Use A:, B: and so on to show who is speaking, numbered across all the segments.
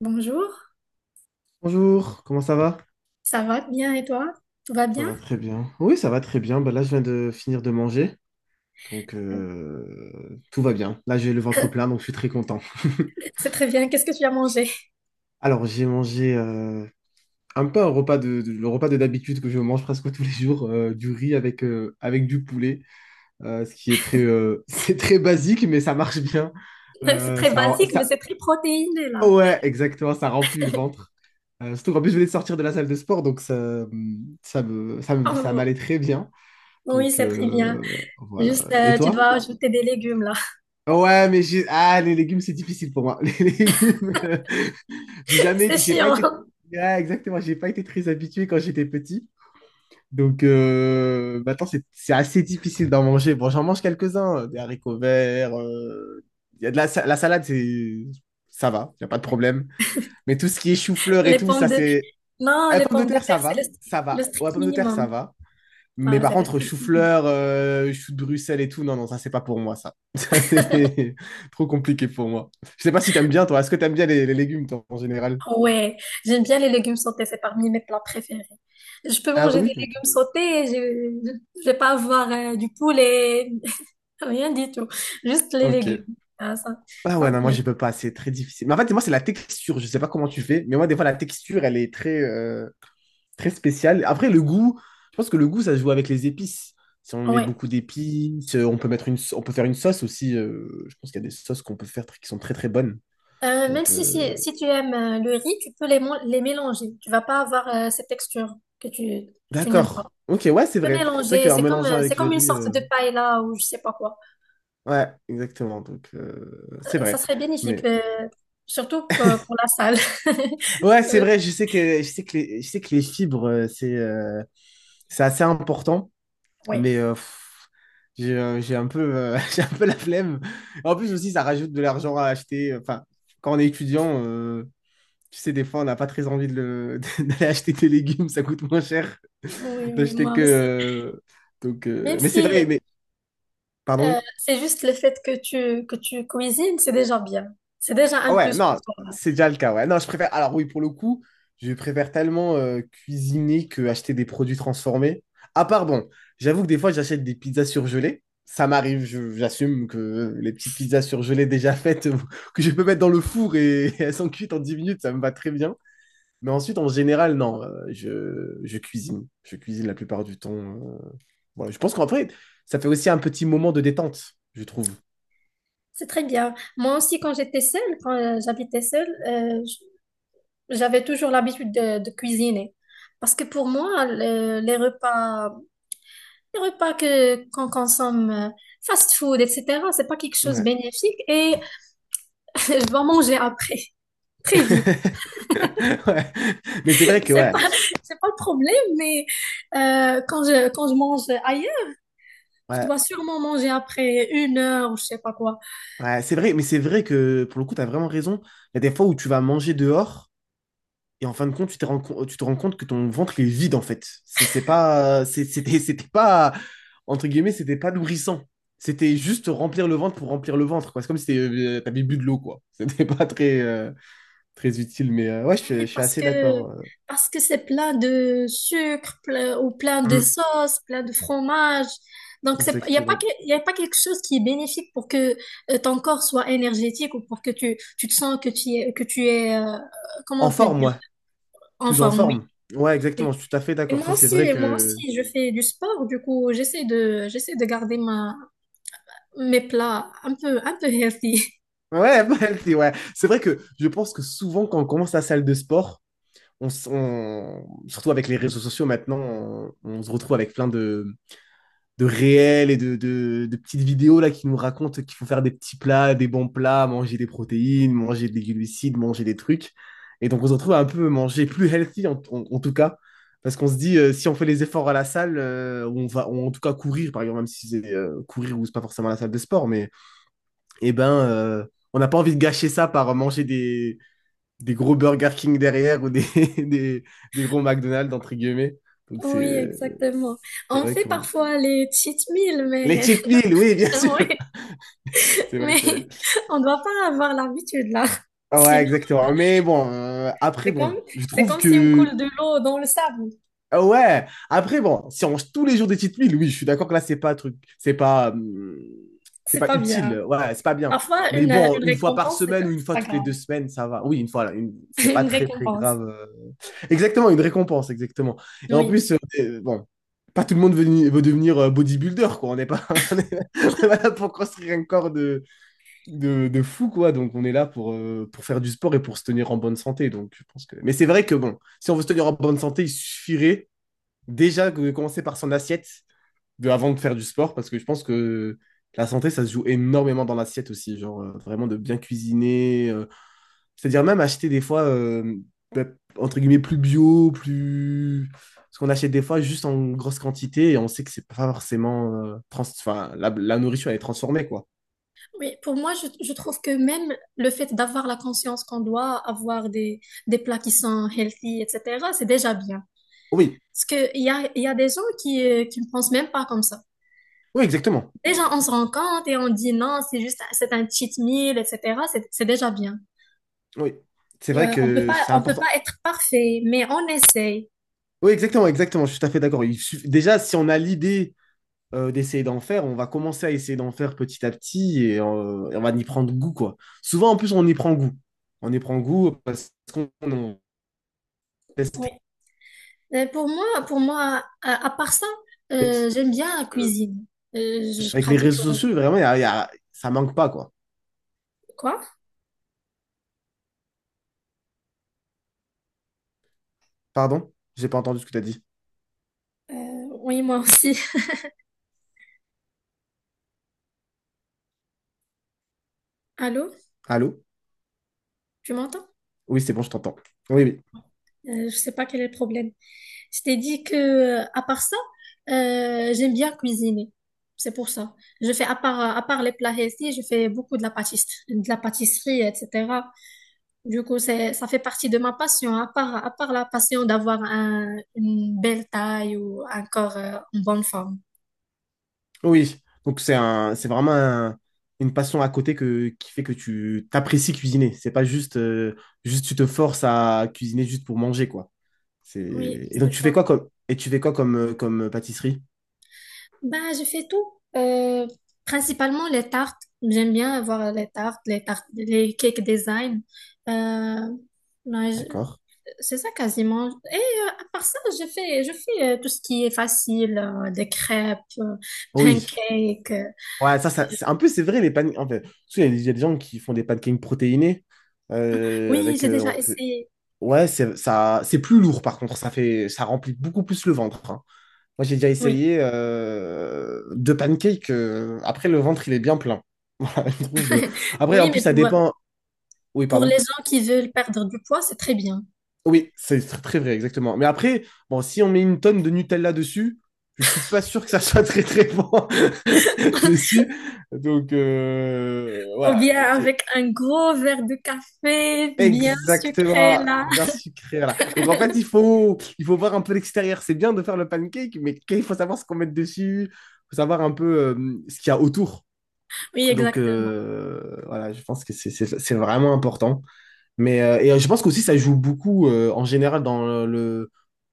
A: Bonjour,
B: Bonjour, comment ça va?
A: ça va bien et toi? Tout va
B: Ça
A: bien?
B: va très bien. Oui, ça va très bien. Bah, là, je viens de finir de manger. Donc, tout va bien. Là, j'ai le ventre plein, donc je suis très content.
A: C'est très bien, qu'est-ce que tu as mangé?
B: Alors, j'ai mangé un peu un repas le repas de d'habitude que je mange presque tous les jours, du riz avec du poulet, ce qui est très, c'est très basique, mais ça marche bien.
A: C'est
B: Euh,
A: très
B: ça,
A: basique, mais
B: ça,
A: c'est très protéiné là.
B: ouais, exactement, ça remplit le ventre. Surtout qu'en plus, je venais de sortir de la salle de sport, donc ça
A: Oh,
B: m'allait très bien.
A: oui,
B: Donc,
A: c'est très bien. Juste,
B: voilà. Et
A: tu
B: toi?
A: dois ajouter des légumes là.
B: Ouais, mais j'ai. Ah, les légumes, c'est difficile pour moi. Les légumes, j'ai
A: C'est
B: jamais. J'ai pas
A: chiant.
B: été. Ouais, exactement, j'ai pas été très habitué quand j'étais petit. Donc, maintenant, c'est assez difficile d'en manger. Bon, j'en mange quelques-uns, des haricots verts. Il y a de la salade, c'est. Ça va, il n'y a pas de problème. Mais tout ce qui est chou-fleur et
A: Les
B: tout,
A: pommes
B: ça,
A: de...
B: c'est.
A: Non,
B: La
A: les
B: pomme de
A: pommes de
B: terre, ça
A: terre, c'est le,
B: va. Ça
A: le
B: va. Ouais,
A: strict
B: pomme de terre, ça
A: minimum.
B: va. Mais
A: Ah,
B: par
A: c'est le
B: contre,
A: strict minimum.
B: chou-fleur, chou de Bruxelles et tout, non, non, ça, c'est pas pour moi, ça. Ça, c'est trop compliqué pour moi. Je sais pas si t'aimes bien, toi. Est-ce que t'aimes bien les légumes, toi, en général?
A: Ouais, j'aime bien les légumes sautés, c'est parmi mes plats préférés. Je peux
B: Ah
A: manger des
B: oui? Ok.
A: légumes sautés, je vais pas avoir du poulet, rien du tout. Juste les
B: Ok.
A: légumes. Ah, ça,
B: Ah
A: ça
B: ouais,
A: me
B: non, moi,
A: plaît.
B: je peux pas. C'est très difficile. Mais en fait, moi, c'est la texture. Je sais pas comment tu fais, mais moi, des fois, la texture, elle est très, très spéciale. Après, le goût, je pense que le goût, ça se joue avec les épices. Si on met
A: Ouais.
B: beaucoup d'épices, on peut faire une sauce aussi. Je pense qu'il y a des sauces qu'on peut faire qui sont très, très bonnes.
A: Même
B: Donc,
A: si, si,
B: euh,
A: si tu aimes le riz, tu peux les, les mélanger. Tu vas pas avoir cette texture que tu n'aimes pas.
B: D'accord. Ok, ouais, c'est
A: Tu peux
B: vrai. C'est
A: mélanger,
B: vrai qu'en mélangeant
A: c'est
B: avec le
A: comme une
B: riz,
A: sorte de paella ou je sais pas quoi.
B: ouais, exactement. Donc, c'est
A: Ça
B: vrai.
A: serait bénéfique,
B: Mais
A: surtout pour la salle.
B: ouais, c'est
A: Euh,
B: vrai. Je sais que les, je sais que les fibres, c'est assez important.
A: ouais.
B: Mais j'ai un peu j'ai un peu la flemme. En plus aussi, ça rajoute de l'argent à acheter. Enfin, quand on est étudiant, tu sais, des fois, on n'a pas très envie d'aller acheter des légumes. Ça coûte moins cher
A: Oui, oui,
B: d'acheter
A: moi
B: que.
A: aussi.
B: Donc,
A: Même
B: mais c'est
A: si
B: vrai. Mais pardon, oui.
A: c'est juste le fait que tu cuisines, c'est déjà bien. C'est déjà
B: Ah
A: un
B: Ouais,
A: plus
B: non,
A: pour toi.
B: c'est déjà le cas, ouais. Non, je préfère. Alors oui, pour le coup, je préfère tellement cuisiner que acheter des produits transformés. Ah, pardon, j'avoue que des fois, j'achète des pizzas surgelées. Ça m'arrive, j'assume que les petites pizzas surgelées déjà faites, que je peux mettre dans le four et, elles sont cuites en 10 minutes, ça me va très bien. Mais ensuite, en général, non, je cuisine. Je cuisine la plupart du temps. Voilà, je pense qu'en fait, ça fait aussi un petit moment de détente, je trouve.
A: C'est très bien. Moi aussi, quand j'étais seule, quand j'habitais seule, j'avais toujours l'habitude de cuisiner. Parce que pour moi, les repas que, qu'on consomme, fast food, etc., c'est pas quelque chose de
B: Ouais.
A: bénéfique et je dois manger après, très vite.
B: Ouais. Mais c'est vrai que,
A: C'est
B: ouais,
A: pas, c'est pas le problème, mais quand je mange ailleurs, je dois
B: ouais,
A: sûrement manger après une heure ou je sais pas quoi.
B: ouais, c'est vrai, mais c'est vrai que pour le coup, tu as vraiment raison. Il y a des fois où tu vas manger dehors et en fin de compte, tu te rends compte que ton ventre il est vide en fait. C'est pas, c'est- c'était, C'était pas, entre guillemets, c'était pas nourrissant. C'était juste remplir le ventre pour remplir le ventre, quoi. C'est comme si t'avais bu de l'eau, quoi. C'était pas très, très utile, mais ouais, je
A: Oui,
B: suis assez d'accord.
A: parce que c'est plein de sucre ou plein de
B: Mm,
A: sauce, plein de fromage. Donc c'est il y a pas
B: exactement.
A: y a pas quelque chose qui est bénéfique pour que ton corps soit énergétique ou pour que tu te sens que tu es comment
B: En
A: on peut
B: forme,
A: dire
B: ouais.
A: en
B: Plus en
A: forme. Oui.
B: forme. Ouais,
A: Oui.
B: exactement. Je suis tout à fait
A: Et
B: d'accord.
A: moi
B: Ça, c'est
A: aussi
B: vrai
A: moi
B: que.
A: aussi je fais du sport du coup j'essaie de garder ma mes plats un peu healthy. Je
B: Ouais,
A: sais
B: healthy, ouais. C'est vrai que je pense que souvent, quand on commence la salle de sport, surtout avec les réseaux sociaux maintenant, on se retrouve avec plein de réels et de petites vidéos là, qui nous racontent qu'il faut faire des petits plats, des bons plats, manger des protéines, manger des glucides, manger des trucs. Et donc, on se retrouve à un peu manger plus healthy, en tout cas. Parce qu'on se dit, si on fait les efforts à la salle, en tout cas courir, par exemple, même si c'est courir ou c'est pas forcément la salle de sport, mais eh ben, on n'a pas envie de gâcher ça par manger des, gros Burger King derrière ou des, des gros McDonald's, entre guillemets. Donc,
A: pas. Oui,
B: c'est
A: exactement.
B: c'est
A: On
B: vrai
A: fait
B: qu'on a.
A: parfois les cheat meals
B: Les
A: mais
B: cheat meals, oui, bien
A: oui.
B: sûr. C'est vrai, c'est vrai.
A: Mais on ne doit pas avoir l'habitude là.
B: Ah ouais,
A: Sinon,
B: exactement. Mais bon, après,
A: c'est
B: bon,
A: comme,
B: je
A: c'est
B: trouve
A: comme si on
B: que.
A: coule de l'eau dans le sable.
B: Ah ouais, après, bon, si on mange tous les jours des petites milles, oui, je suis d'accord que là, c'est pas un truc, c'est
A: C'est
B: pas
A: pas bien.
B: utile, ouais, c'est pas bien.
A: Parfois,
B: Mais bon,
A: une
B: une fois par
A: récompense, c'est
B: semaine ou une
A: c'est
B: fois
A: pas
B: toutes les
A: grave.
B: 2 semaines, ça va. Oui, une fois, là, c'est pas
A: Une
B: très, très
A: récompense.
B: grave. Exactement, une récompense, exactement. Et en
A: Oui.
B: plus, bon, pas tout le monde veut devenir bodybuilder, quoi. On n'est pas, on est, on est pas là pour construire un corps de, fou, quoi. Donc, on est là pour faire du sport et pour se tenir en bonne santé. Donc, je pense que. Mais c'est vrai que, bon, si on veut se tenir en bonne santé, il suffirait déjà de commencer par son assiette avant de faire du sport, parce que je pense que la santé, ça se joue énormément dans l'assiette aussi, genre vraiment de bien cuisiner, c'est-à-dire même acheter des fois, bah, entre guillemets, plus bio, plus. Parce qu'on achète des fois juste en grosse quantité et on sait que c'est pas forcément. Enfin, la nourriture, elle est transformée, quoi.
A: Oui, pour moi, je trouve que même le fait d'avoir la conscience qu'on doit avoir des plats qui sont healthy, etc., c'est déjà bien.
B: Oui,
A: Parce que il y a des gens qui ne pensent même pas comme ça.
B: oui, exactement.
A: Déjà, on se rend compte et on dit non, c'est juste, c'est un cheat meal, etc. C'est déjà bien.
B: Oui, c'est vrai que c'est
A: On peut
B: important.
A: pas être parfait, mais on essaye.
B: Oui, exactement, exactement, je suis tout à fait d'accord. Déjà, si on a l'idée d'essayer d'en faire, on va commencer à essayer d'en faire petit à petit et on va y prendre goût, quoi. Souvent, en plus, on y prend goût. On y prend goût parce qu'on on teste
A: Oui. Pour moi, à part ça, j'aime bien la
B: euh,
A: cuisine. Je
B: avec les
A: pratique
B: réseaux sociaux, vraiment, ça manque pas, quoi.
A: quoi?
B: Pardon? J'ai pas entendu ce que tu as dit.
A: Euh, oui, moi aussi. Allô,
B: Allô?
A: tu m'entends?
B: Oui, c'est bon, je t'entends. Oui, oui.
A: Je sais pas quel est le problème. Je t'ai dit que, à part ça, j'aime bien cuisiner. C'est pour ça. Je fais à part les plats healthy, je fais beaucoup de la pâtisserie, etc. Du coup, c'est, ça fait partie de ma passion, à part la passion d'avoir une belle taille ou un corps en bonne forme.
B: Oui. Donc, c'est vraiment une passion à côté qui fait que tu t'apprécies cuisiner. C'est pas juste tu te forces à cuisiner juste pour manger, quoi.
A: Oui,
B: C'est. Et
A: c'est
B: donc,
A: ça.
B: tu fais quoi comme pâtisserie?
A: Ben, je fais tout. Principalement les tartes. J'aime bien avoir les tartes, les tartes, les cake design. Euh, ben, je-
B: D'accord.
A: c'est ça quasiment. Et à part ça, je fais tout ce qui est facile, des crêpes,
B: Oui.
A: pancakes.
B: Ouais, ça c'est un peu, c'est vrai, les pancakes. En fait, tu sais, il y a gens qui font des pancakes protéinés.
A: Oui, j'ai déjà
B: On peut.
A: essayé.
B: Ouais, ça, c'est plus lourd, par contre. Ça remplit beaucoup plus le ventre. Hein. Moi, j'ai déjà
A: Oui.
B: essayé deux pancakes. Après, le ventre, il est bien plein. Voilà, je trouve. Après, en
A: Oui,
B: plus,
A: mais
B: ça
A: pour,
B: dépend. Oui,
A: Pour les
B: pardon.
A: gens qui veulent perdre du poids, c'est très bien.
B: Oui, c'est très vrai, exactement. Mais après, bon, si on met une tonne de Nutella dessus, je suis pas sûr que ça soit très très bon dessus. Donc
A: Ou
B: voilà,
A: bien
B: donc,
A: avec un gros verre de café bien sucré
B: exactement,
A: là.
B: bien sucré. Voilà. Donc en fait, il faut voir un peu l'extérieur. C'est bien de faire le pancake, mais qu'il faut savoir ce qu'on met dessus, faut savoir un peu ce qu'il y a autour.
A: Oui,
B: Donc
A: exactement.
B: voilà, je pense que c'est vraiment important. Et je pense qu'aussi ça joue beaucoup en général dans le,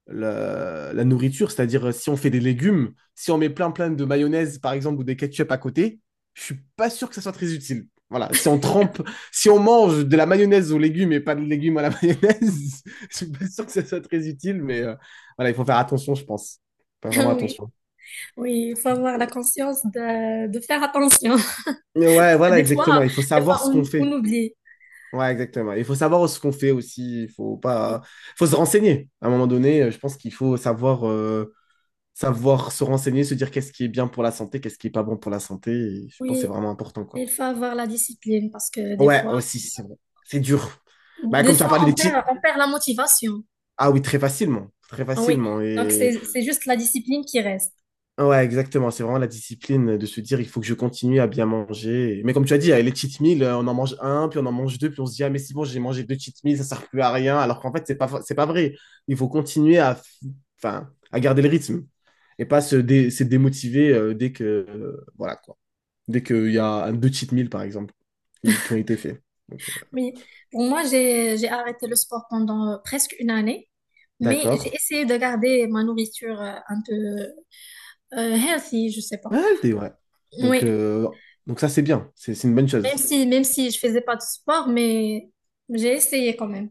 B: la, la nourriture, c'est-à-dire si on fait des légumes, si on met plein plein de mayonnaise par exemple ou des ketchup à côté, je suis pas sûr que ça soit très utile. Voilà, si on mange de la mayonnaise aux légumes et pas de légumes à la mayonnaise, je suis pas sûr que ça soit très utile, mais voilà, il faut faire attention, je pense. Faut faire vraiment
A: Oui,
B: attention.
A: oui, il faut avoir la conscience de faire attention.
B: Mais ouais,
A: Parce que
B: voilà, exactement, il faut
A: des fois
B: savoir ce qu'on
A: on
B: fait.
A: oublie.
B: Ouais, exactement. Il faut savoir ce qu'on fait aussi. Il faut
A: Oui,
B: pas, faut se renseigner. À un moment donné, je pense qu'il faut savoir se renseigner, se dire qu'est-ce qui est bien pour la santé, qu'est-ce qui est pas bon pour la santé. Et je pense que c'est
A: oui.
B: vraiment important, quoi.
A: Il faut avoir la discipline parce que
B: Ouais, aussi, c'est vrai. C'est dur. Bah,
A: des
B: comme tu as
A: fois
B: parlé des titres.
A: on perd la motivation.
B: Ah oui, très facilement. Très
A: Ah oui,
B: facilement.
A: donc
B: Et
A: c'est juste la discipline qui reste.
B: Ouais, exactement. C'est vraiment la discipline de se dire, il faut que je continue à bien manger. Mais comme tu as dit, les cheat meals, on en mange un, puis on en mange deux, puis on se dit, ah, mais c'est bon, j'ai mangé deux cheat meals, ça sert plus à rien. Alors qu'en fait, c'est pas vrai. Il faut continuer à, enfin, à garder le rythme et pas se démotiver dès que, voilà, quoi. Dès qu'il y a un, deux cheat meals, par exemple, qui ont été faits. Donc,
A: Oui, pour moi, j'ai arrêté le sport pendant presque une année, mais j'ai
B: d'accord.
A: essayé de garder ma nourriture un peu healthy, je sais pas.
B: Ah, le thé, ouais. Donc,
A: Oui,
B: euh, donc, ça, c'est bien. C'est une bonne chose.
A: même si je faisais pas de sport, mais j'ai essayé quand même.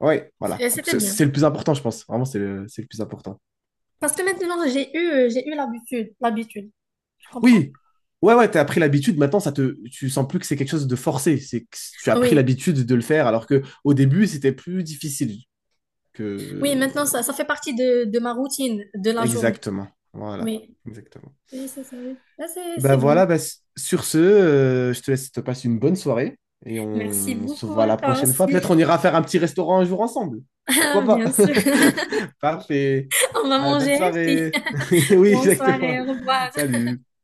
B: Ouais, voilà.
A: Et
B: Donc,
A: c'était
B: C'est
A: bien.
B: c'est le plus important, je pense. Vraiment, c'est le plus important.
A: Parce que maintenant, j'ai eu l'habitude, l'habitude, tu comprends?
B: Oui, ouais, ouais, t'as pris l'habitude. Maintenant, tu sens plus que c'est quelque chose de forcé. C'est que tu as pris
A: Oui,
B: l'habitude de le faire, alors que au début, c'était plus difficile
A: oui,
B: que.
A: maintenant ça fait partie de ma routine de la journée.
B: Exactement. Voilà,
A: Oui.
B: exactement.
A: Oui, c'est ça. Oui. Là, c'est
B: Bah
A: bon.
B: voilà, bah, sur ce, je te laisse, te passe une bonne soirée et
A: Merci
B: on se
A: beaucoup
B: voit
A: à
B: la
A: toi
B: prochaine fois. Peut-être
A: aussi.
B: on ira faire un petit restaurant un jour ensemble. Pourquoi pas?
A: Bien sûr.
B: Parfait.
A: On va
B: Bah, bonne
A: manger aussi.
B: soirée. Oui,
A: Bonne
B: exactement.
A: soirée, au revoir.
B: Salut.